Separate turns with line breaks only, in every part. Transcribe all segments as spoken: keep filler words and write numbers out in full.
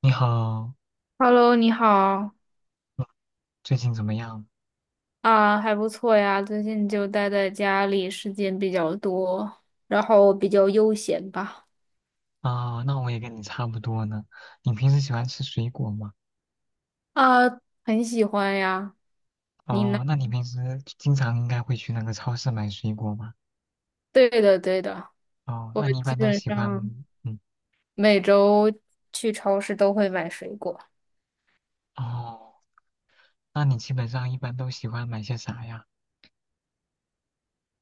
你好，
Hello，你好
嗯最近怎么样？
啊，还不错呀。最近就待在家里，时间比较多，然后比较悠闲吧。
啊、那我也跟你差不多呢。你平时喜欢吃水果吗？
啊，很喜欢呀。你呢？
哦，那你平时经常应该会去那个超市买水果吗？
对的，对的，
哦，
我
那你一
基
般都
本
喜欢，
上
嗯，
每周去超市都会买水果。
哦，那你基本上一般都喜欢买些啥呀？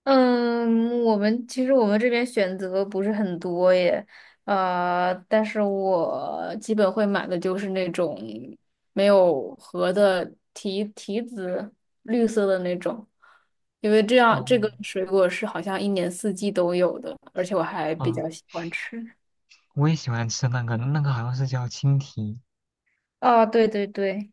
嗯，我们其实我们这边选择不是很多耶，呃，但是我基本会买的就是那种没有核的提提子，绿色的那种，因为这样这
哦，
个水果是好像一年四季都有的，而且我还比
啊、
较喜欢吃。
我也喜欢吃那个，那个好像是叫青提，
啊，对对对，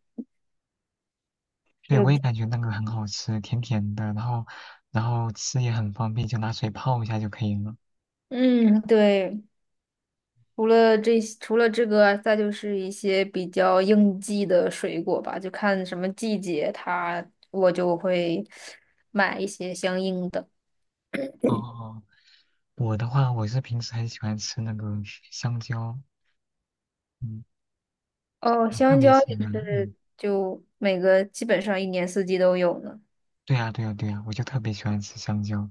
是
对，我也
的，
感觉那个很好吃，甜甜的，然后，然后吃也很方便，就拿水泡一下就可以了。
嗯，对。除了这些，除了这个，再就是一些比较应季的水果吧，就看什么季节它，我就会买一些相应的。
哦哦哦，我的话，我是平时很喜欢吃那个香蕉，嗯，
哦，
我特
香
别
蕉
喜
也
欢，嗯，
是，就每个基本上一年四季都有呢。
对呀，对呀，对呀，我就特别喜欢吃香蕉，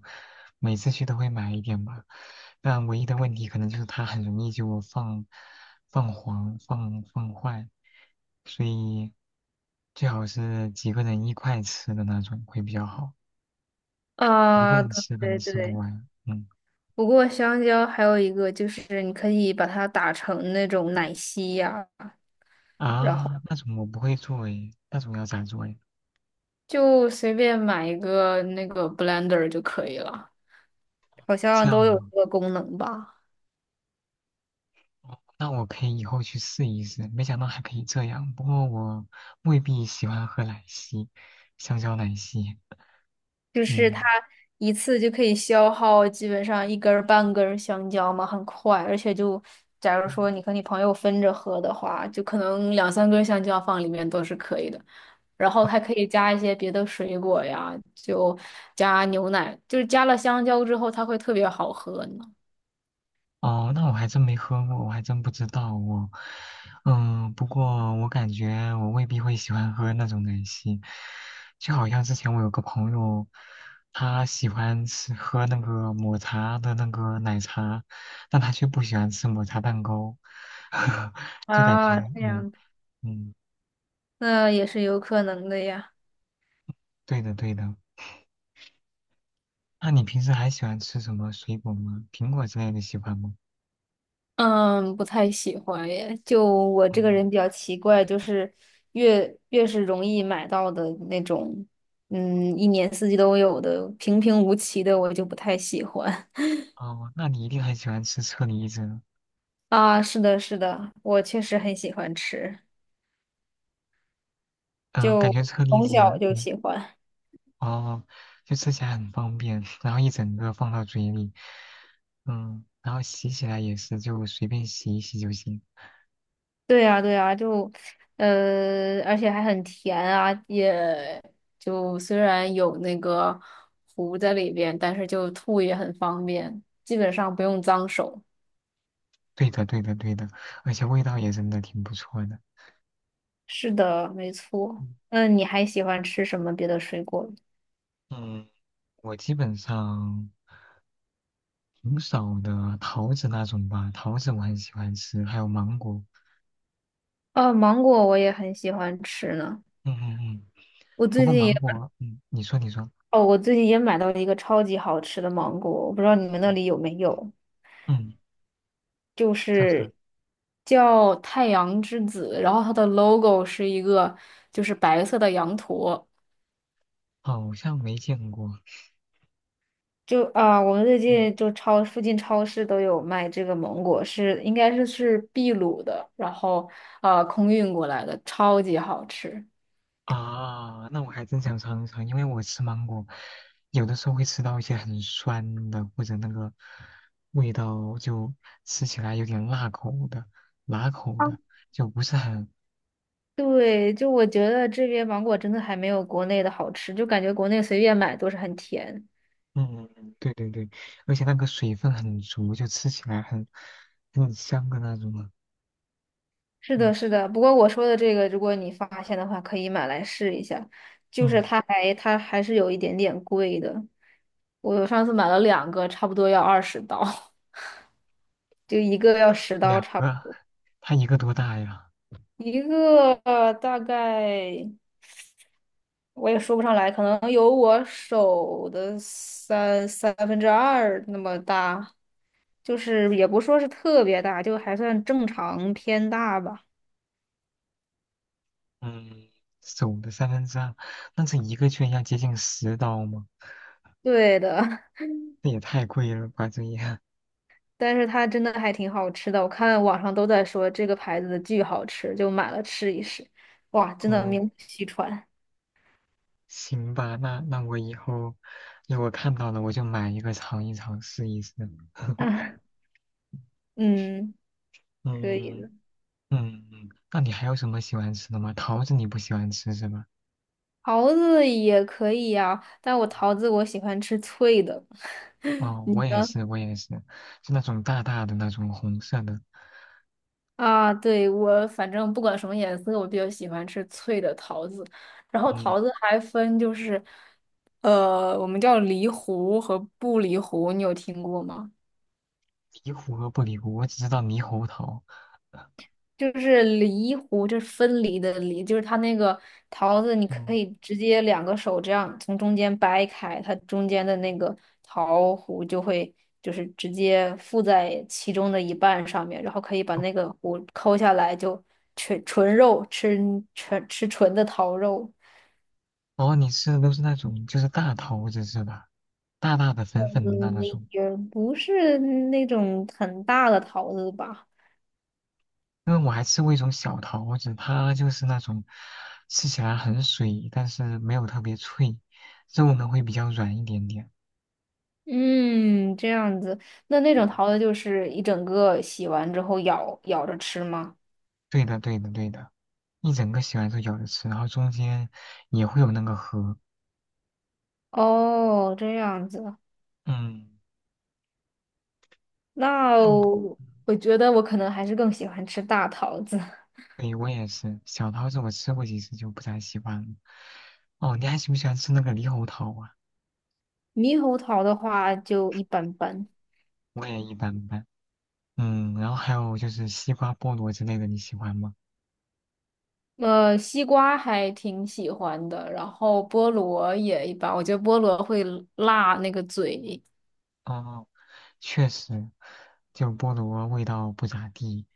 每次去都会买一点吧。但唯一的问题可能就是它很容易就放放黄、放放坏，所以最好是几个人一块吃的那种会比较好，一个
啊，
人吃可能
对对
吃不
对。
完。嗯。
不过香蕉还有一个就是你可以把它打成那种奶昔呀、
啊，那种我不会做诶，那种要咋做诶？
就随便买一个那个 blender 就可以了，好
这
像
样
都有
吗？
这个功能吧。
哦那我可以以后去试一试，没想到还可以这样。不过我未必喜欢喝奶昔，香蕉奶昔。
就是它
嗯，
一次就可以消耗基本上一根儿半根儿香蕉嘛，很快，而且就假如说你和你朋友分着喝的话，就可能两三根儿香蕉放里面都是可以的。然后还可以加一些别的水果呀，就加牛奶，就是加了香蕉之后，它会特别好喝呢。
哦，那我还真没喝过，我还真不知道我。嗯，不过我感觉我未必会喜欢喝那种奶昔，就好像之前我有个朋友，他喜欢吃喝那个抹茶的那个奶茶，但他却不喜欢吃抹茶蛋糕，就感
啊，
觉
这
嗯。
样子
嗯，
那也是有可能的呀。
对的对的。那你平时还喜欢吃什么水果吗？苹果之类的喜欢吗？
嗯，不太喜欢耶。就我这个
嗯，
人比较奇怪，就是越越是容易买到的那种，嗯，一年四季都有的平平无奇的，我就不太喜欢。
哦，那你一定很喜欢吃车厘子。
啊，是的，是的，我确实很喜欢吃，
嗯、感
就
觉车厘
从小
子，
就喜欢。
哦，就吃起来很方便，然后一整个放到嘴里，嗯，然后洗起来也是就随便洗一洗就行。
对呀，对呀，就，呃，而且还很甜啊，也就虽然有那个糊在里边，但是就吐也很方便，基本上不用脏手。
对的，对的，对的，而且味道也真的挺不错的。
是的，没错。
嗯，
那你还喜欢吃什么别的水果？
嗯，我基本上挺少的桃子那种吧，桃子我很喜欢吃，还有芒果。
呃，芒果我也很喜欢吃呢。
嗯嗯嗯，
我
不
最
过
近也，
芒果，嗯，你说你说，
哦，我最近也买到了一个超级好吃的芒果，我不知道你们那里有没有，
嗯。
就
叫啥？
是叫太阳之子，然后它的 logo 是一个就是白色的羊驼。
好像没见过。
就啊、我们最
嗯。
近就超附近超市都有卖这个芒果，是应该是是秘鲁的，然后啊空运过来的，超级好吃。
啊，那我还真想尝一尝，因为我吃芒果，有的时候会吃到一些很酸的，或者那个味道就吃起来有点辣口的、辣口的，就不是很……
对，就我觉得这边芒果真的还没有国内的好吃，就感觉国内随便买都是很甜。
嗯，对对对，而且那个水分很足，就吃起来很很香的那种啊。
是的，
嗯
是的。不过我说的这个，如果你发现的话，可以买来试一下。就是
嗯，
它还它还是有一点点贵的，我上次买了两个，差不多要二十刀，就一个要十刀
两
差
个
不
啊，它一个多大呀？
多，一个呃大概。我也说不上来，可能有我手的三三分之二那么大，就是也不说是特别大，就还算正常偏大吧。
嗯，手的三分之二，那这一个居然要接近十刀吗？
对的，
这也太贵了吧，这也。
但是它真的还挺好吃的，我看网上都在说这个牌子的巨好吃，就买了吃一试。哇，真的
哦，
名不虚传。
行吧，那那我以后如果看到了，我就买一个尝一尝，试一试。
嗯，可以
嗯
的，
嗯，嗯那你还有什么喜欢吃的吗？桃子你不喜欢吃是吧？
桃子也可以呀、但我桃子我喜欢吃脆的。
哦，我也是，我也是，是那种大大的那种红色的。
啊，对，我反正不管什么颜色，我比较喜欢吃脆的桃子。然后
嗯，
桃子还分就是，呃，我们叫梨核和不梨核，你有听过吗？
离核和不离核，我只知道猕猴桃。
就是梨核，就是分离的梨，就是它那个桃子，你可
嗯，
以直接两个手这样从中间掰开，它中间的那个桃核就会就是直接附在其中的一半上面，然后可以把
哦，
那个核抠下来，就纯纯肉吃纯吃纯的桃肉，
哦你吃的都是那种就是大桃子是吧？大大的粉
嗯，
粉的那那种。
也不是那种很大的桃子吧。
因为我还吃过一种小桃子，它就是那种吃起来很水，但是没有特别脆，肉呢会比较软一点点。
嗯，这样子，那那种桃子就是一整个洗完之后咬咬着吃吗？
对的，对的，对的，一整个洗完之后咬着吃，然后中间也会有那个核。
哦，这样子，
嗯，
那
那你
我，觉得我可能还是更喜欢吃大桃子，
对我也是，小桃子我吃过几次就不太喜欢了。哦，你还喜不喜欢吃那个猕猴桃啊？
猕猴桃的话就一般般。
我也一般般。嗯，然后还有就是西瓜、菠萝之类的，你喜欢吗？
呃，西瓜还挺喜欢的，然后菠萝也一般，我觉得菠萝会辣那个嘴。
哦，确实，就菠萝味道不咋地。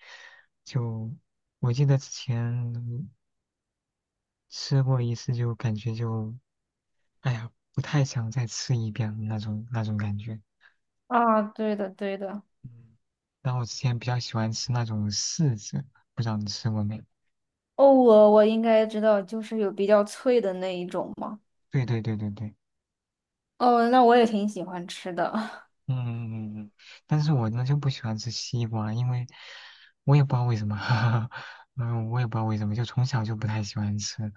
就我记得之前吃过一次，就感觉就，哎呀，不太想再吃一遍了那种那种感觉。
啊，对的，对的。
嗯，然后我之前比较喜欢吃那种柿子，不知道你吃过没？
哦，我我应该知道，就是有比较脆的那一种嘛。
对对对对对，
哦，那我也挺喜欢吃的。
嗯嗯嗯嗯。但是我呢就不喜欢吃西瓜，因为我也不知道为什么，嗯，我也不知道为什么，就从小就不太喜欢吃。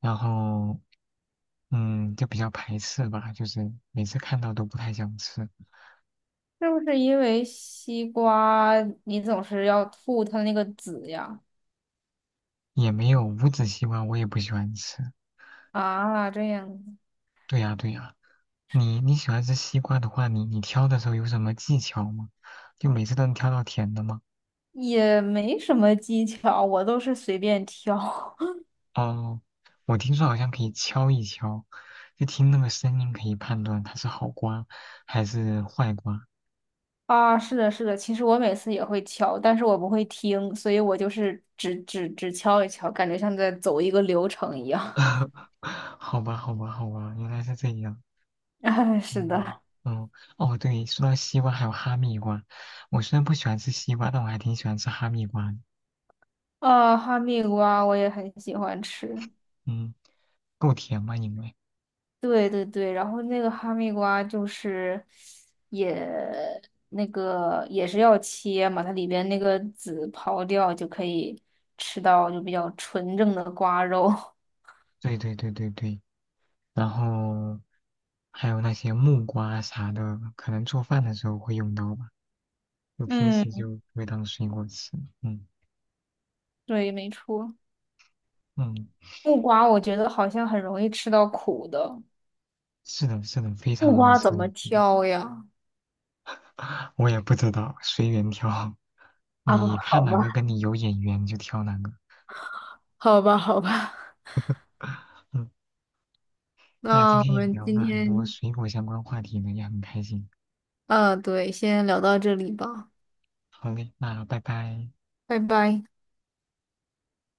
然后嗯，就比较排斥吧，就是每次看到都不太想吃，
是不是因为西瓜你总是要吐它那个籽呀？
也没有无籽西瓜，我也不喜欢吃。
啊，这样
对呀，对呀，你你喜欢吃西瓜的话，你你挑的时候有什么技巧吗？就每次都能挑到甜的吗？
也没什么技巧，我都是随便挑。
哦，我听说好像可以敲一敲，就听那个声音可以判断它是好瓜还是坏瓜。
啊，是的，是的，其实我每次也会敲，但是我不会听，所以我就是只只只敲一敲，感觉像在走一个流程一样。
好吧，好吧，好吧，原来是这样。
哎，是
嗯，
的，
哦哦，对，说到西瓜还有哈密瓜，我虽然不喜欢吃西瓜，但我还挺喜欢吃哈密瓜的。
啊，哈密瓜我也很喜欢吃。
嗯，够甜吗因为
对对对，然后那个哈密瓜就是也那个也是要切嘛，它里边那个籽刨掉就可以吃到就比较纯正的瓜肉。
对对对对对，然后还有那些木瓜啥的，可能做饭的时候会用到吧，就 平
嗯，
时就不会当水果吃。嗯
对，没错。
嗯，
木瓜我觉得好像很容易吃到苦的，
是的，是的，非常
木
能
瓜
吃，
怎么挑呀？
我也不知道，随缘挑，
啊，
你看
好
哪
吧，
个跟你有眼缘就挑哪个。
好吧，好吧，
嗯。那今
那
天
我
也
们
聊
今
了很多
天，
水果相关话题呢，也很开心。
啊，对，先聊到这里吧，
好嘞，那拜拜。
拜拜。